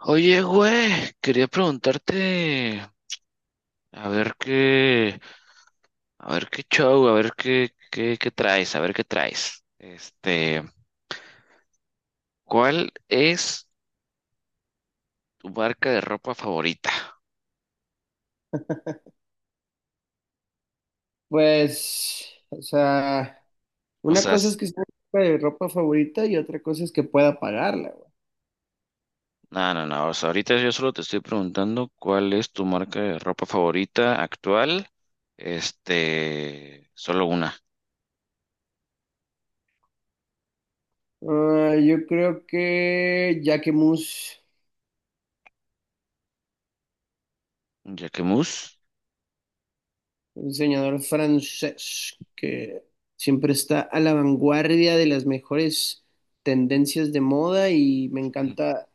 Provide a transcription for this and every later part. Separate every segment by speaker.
Speaker 1: Oye, güey, quería preguntarte, a ver qué, a ver qué show, a ver qué traes, a ver qué traes. ¿Cuál es tu marca de ropa favorita?
Speaker 2: Pues, o sea,
Speaker 1: O
Speaker 2: una
Speaker 1: sea,
Speaker 2: cosa
Speaker 1: s-
Speaker 2: es que esté en mi ropa favorita y otra cosa es que pueda pagarla, güey.
Speaker 1: no, no, no, o sea, ahorita yo solo te estoy preguntando cuál es tu marca de ropa favorita actual. Solo una,
Speaker 2: Ah, yo creo que Jacques Mus,
Speaker 1: Jacquemus.
Speaker 2: un diseñador francés que siempre está a la vanguardia de las mejores tendencias de moda y me encanta,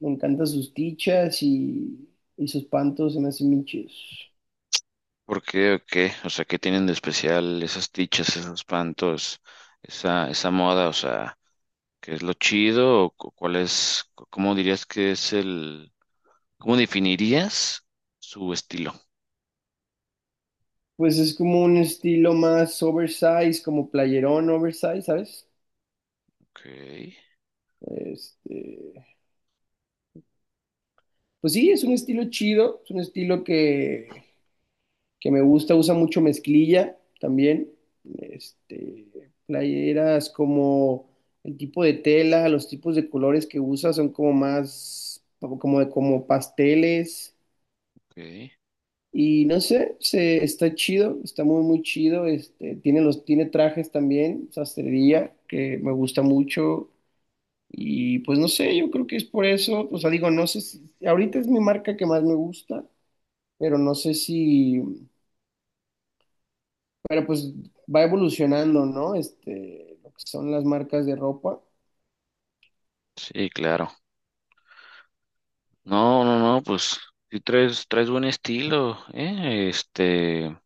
Speaker 2: me encantan sus tichas y sus pantos, se me hacen bien chidos.
Speaker 1: ¿Por qué o qué? O sea, ¿qué tienen de especial esas tichas, esos pantos, esa moda? O sea, ¿qué es lo chido? ¿O cómo dirías que es el, cómo definirías su estilo?
Speaker 2: Pues es como un estilo más oversize, como playerón oversize, ¿sabes?
Speaker 1: Ok,
Speaker 2: Este, pues sí, es un estilo chido, es un estilo que me gusta, usa mucho mezclilla también, este, playeras como el tipo de tela, los tipos de colores que usa son como más, como, como pasteles.
Speaker 1: ok.
Speaker 2: Y no sé, se, está chido, está muy, muy chido. Este, tiene los, tiene trajes también, sastrería, que me gusta mucho. Y pues no sé, yo creo que es por eso. O sea, digo, no sé si ahorita es mi marca que más me gusta, pero no sé si, pero pues va evolucionando, ¿no? Este, lo que son las marcas de ropa.
Speaker 1: Sí, claro. No, no, no, pues sí traes, buen estilo, ¿eh?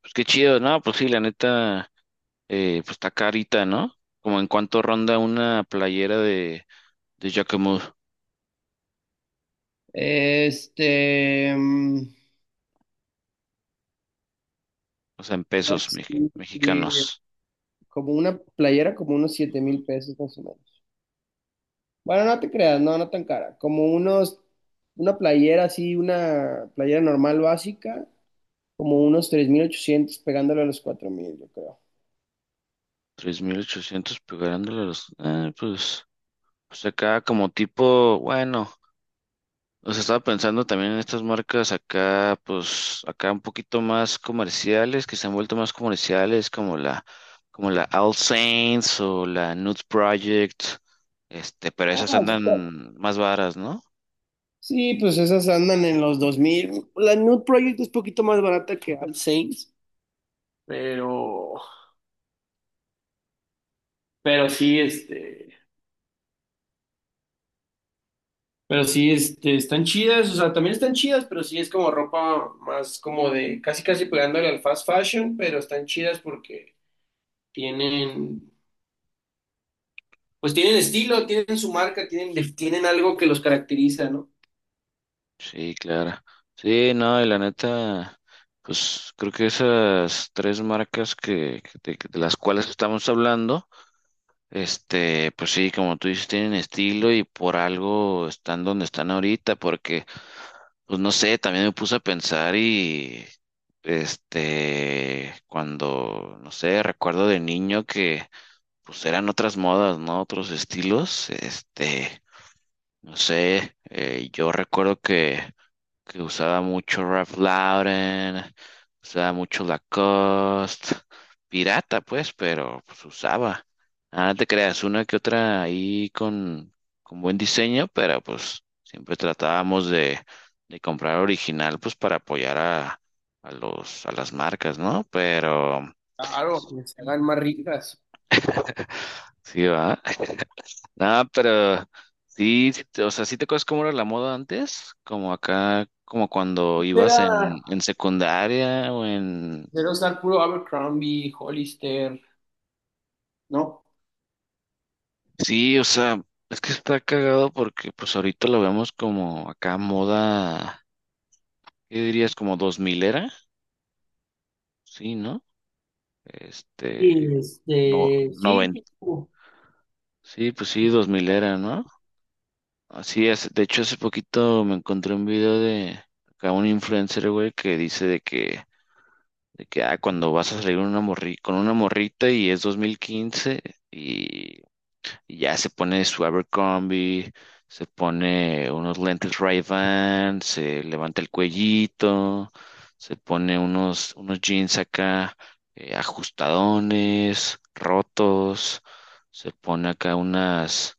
Speaker 1: Pues qué chido, ¿no? Pues sí, la neta, pues está carita, ¿no? Como en cuánto ronda una playera de, Jacquemus,
Speaker 2: Este, mm,
Speaker 1: o sea, en pesos
Speaker 2: pues, y-
Speaker 1: mexicanos.
Speaker 2: Como una playera, como unos $7,000 más o menos. Bueno, no te creas, no, no tan cara. Como unos, una playera así, una playera normal básica, como unos 3,800 pegándole a los 4,000 yo creo.
Speaker 1: 3.800 pegándole a los. Pues acá como tipo, bueno. O sea, estaba pensando también en estas marcas acá, pues acá un poquito más comerciales, que se han vuelto más comerciales, como la All Saints o la Nude Project, pero
Speaker 2: Ah,
Speaker 1: esas
Speaker 2: está.
Speaker 1: andan más varas, ¿no?
Speaker 2: Sí, pues esas andan en los 2,000. La Nude Project es poquito más barata que All Saints, pero, pero sí, este, pero sí, este, están chidas, o sea, también están chidas, pero sí es como ropa más como de casi casi pegándole al fast fashion, pero están chidas porque tienen, pues tienen estilo, tienen su marca, tienen, tienen algo que los caracteriza, ¿no?
Speaker 1: Sí, claro. Sí, no, y la neta, pues creo que esas tres marcas de las cuales estamos hablando, pues sí, como tú dices, tienen estilo y por algo están donde están ahorita, porque pues no sé, también me puse a pensar y cuando, no sé, recuerdo de niño que pues eran otras modas, ¿no? Otros estilos, no sé, yo recuerdo que usaba mucho Ralph Lauren, usaba mucho Lacoste, pirata pues, pero pues usaba. Ah, no te creas, una que otra ahí con, buen diseño, pero pues siempre tratábamos de comprar original pues para apoyar a las marcas, ¿no? Pero
Speaker 2: Claro, que se hagan más ricas.
Speaker 1: sí, va. No, pero sí, sí te acuerdas cómo era la moda antes, como acá, como cuando ibas
Speaker 2: Era,
Speaker 1: en secundaria o en.
Speaker 2: era usar puro Abercrombie, Hollister, ¿no?
Speaker 1: Sí, o sea, es que está cagado porque pues ahorita lo vemos como acá moda. ¿Qué dirías? Como 2000 era, sí, ¿no? Este,
Speaker 2: Y
Speaker 1: no,
Speaker 2: sí,
Speaker 1: 90,
Speaker 2: pues, como...
Speaker 1: sí, pues sí, 2000 era, ¿no? Así es, de hecho hace poquito me encontré un video de acá un influencer, güey, que dice de que cuando vas a salir una morri con una morrita y es 2015. Y ya se pone su Abercrombie, se pone unos lentes Ray-Ban, se levanta el cuellito, se pone unos jeans acá ajustadones, rotos, se pone acá unas,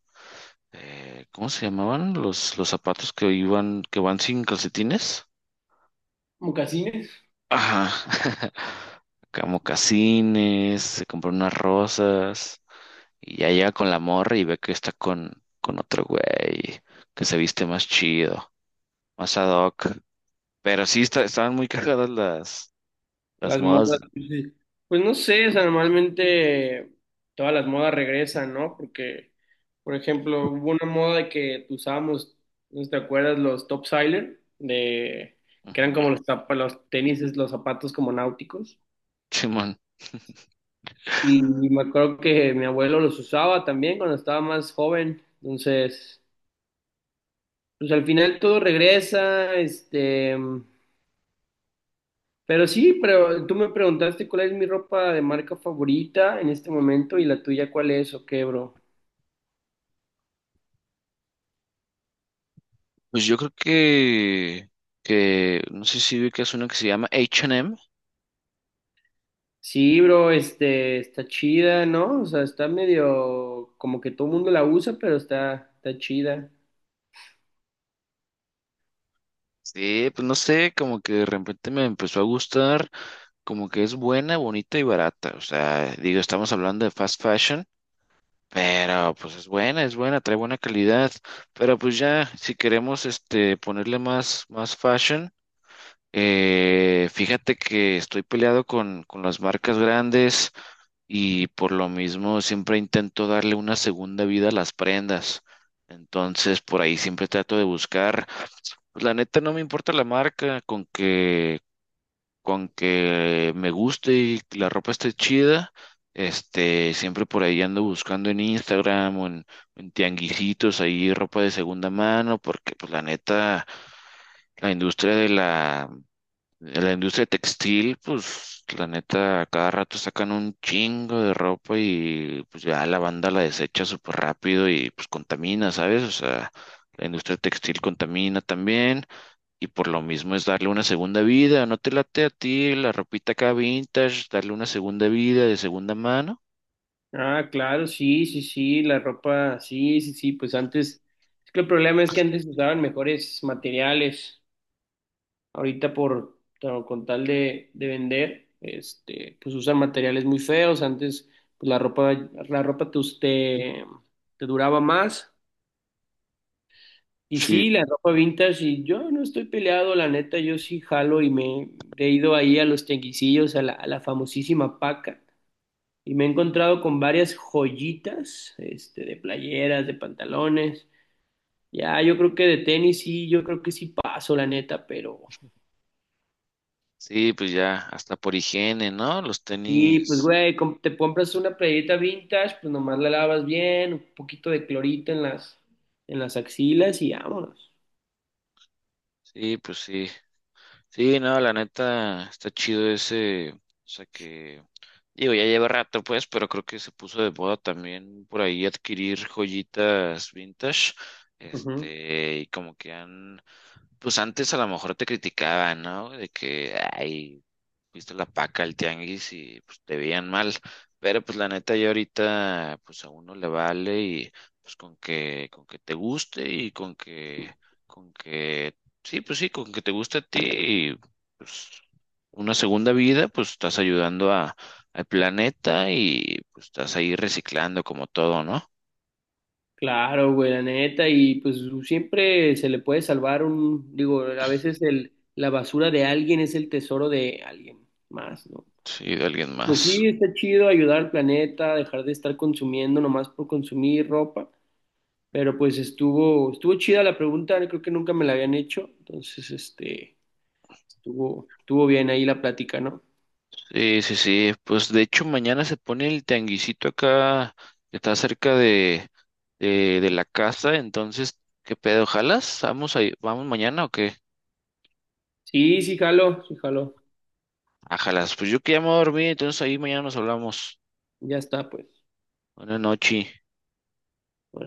Speaker 1: ¿cómo se llamaban? Los zapatos que iban, que van sin calcetines.
Speaker 2: Mocasines.
Speaker 1: Ajá. Acá mocasines, se compró unas rosas. Y ya llega con la morra y ve que está con, otro güey, que se viste más chido, más ad hoc. Pero sí, estaban muy cagadas las
Speaker 2: Las
Speaker 1: modas.
Speaker 2: modas, pues sí. Pues no sé, o sea, normalmente todas las modas regresan, ¿no? Porque, por ejemplo, hubo una moda que usábamos, no sé si te acuerdas, los topsider, de, que eran
Speaker 1: Ujú.
Speaker 2: como los, tapa- los tenis, los zapatos como náuticos.
Speaker 1: Simón.
Speaker 2: Y me acuerdo que mi abuelo los usaba también cuando estaba más joven. Entonces, pues al final todo regresa, este, pero sí, pero tú me preguntaste cuál es mi ropa de marca favorita en este momento y la tuya cuál es o qué, bro.
Speaker 1: Pues yo creo que, no sé si vi que es uno que se llama H&M.
Speaker 2: Sí, bro, este, está chida, ¿no? O sea, está medio como que todo el mundo la usa, pero está, está chida.
Speaker 1: Sí, pues no sé, como que de repente me empezó a gustar, como que es buena, bonita y barata. O sea, digo, estamos hablando de fast fashion. Pero pues es buena, trae buena calidad. Pero pues ya, si queremos ponerle más, fashion, fíjate que estoy peleado con las marcas grandes y por lo mismo siempre intento darle una segunda vida a las prendas. Entonces por ahí siempre trato de buscar. Pues la neta no me importa la marca, con que me guste y que la ropa esté chida, siempre por ahí ando buscando en Instagram o en, tianguisitos ahí ropa de segunda mano, porque pues la neta, la industria de la industria textil, pues la neta, a cada rato sacan un chingo de ropa y pues ya la banda la desecha súper rápido y pues contamina, ¿sabes? O sea, la industria textil contamina también. Y por lo mismo es darle una segunda vida. ¿No te late a ti la ropita acá vintage? Darle una segunda vida de segunda mano.
Speaker 2: Ah, claro, sí, sí, sí, la ropa, sí, sí, sí, pues antes, es que el problema es que antes usaban mejores materiales. Ahorita por, claro, con tal de vender, este, pues usan materiales muy feos. Antes, pues la ropa te duraba más. Y
Speaker 1: Sí,
Speaker 2: sí, la ropa vintage, y yo no estoy peleado, la neta, yo sí jalo y me he ido ahí a los tianguisillos, a la famosísima Paca, y me he encontrado con varias joyitas, este, de playeras, de pantalones. Ya, yo creo que de tenis sí, yo creo que sí paso, la neta, pero
Speaker 1: sí, pues ya, hasta por higiene, ¿no? Los
Speaker 2: y pues,
Speaker 1: tenis.
Speaker 2: güey, com- te compras una playerita vintage, pues nomás la lavas bien, un poquito de clorito en las axilas y vámonos.
Speaker 1: Sí, pues sí. Sí, no, la neta, está chido ese. O sea que, digo, ya lleva rato, pues, pero creo que se puso de moda también por ahí adquirir joyitas vintage.
Speaker 2: Ujú.
Speaker 1: Y como que han, pues antes a lo mejor te criticaban, ¿no? De que, ay, viste la paca el tianguis y pues te veían mal. Pero pues la neta ya ahorita pues a uno le vale y pues con que te guste y con que sí, pues sí, con que te guste a ti y pues una segunda vida, pues estás ayudando a al planeta y pues estás ahí reciclando como todo, ¿no?
Speaker 2: Claro, güey, la neta, y pues siempre se le puede salvar un, digo, a veces el, la basura de alguien es el tesoro de alguien más, ¿no?
Speaker 1: Sí, de alguien
Speaker 2: Pues
Speaker 1: más.
Speaker 2: sí, está chido ayudar al planeta, dejar de estar consumiendo nomás por consumir ropa, pero pues estuvo, estuvo chida la pregunta, creo que nunca me la habían hecho, entonces, este... Estuvo, estuvo bien ahí la plática, ¿no?
Speaker 1: Sí, sí, sí. Pues de hecho mañana se pone el tianguisito acá, que está cerca de, de la casa. Entonces, ¿qué pedo? ¿Jalas? ¿Vamos ahí? ¿Vamos mañana o qué?
Speaker 2: Sí, sí, jalo, sí, jalo.
Speaker 1: Ah, jalas. Pues yo que ya me voy a dormir, entonces ahí mañana nos hablamos.
Speaker 2: Ya está, pues.
Speaker 1: Buenas noches.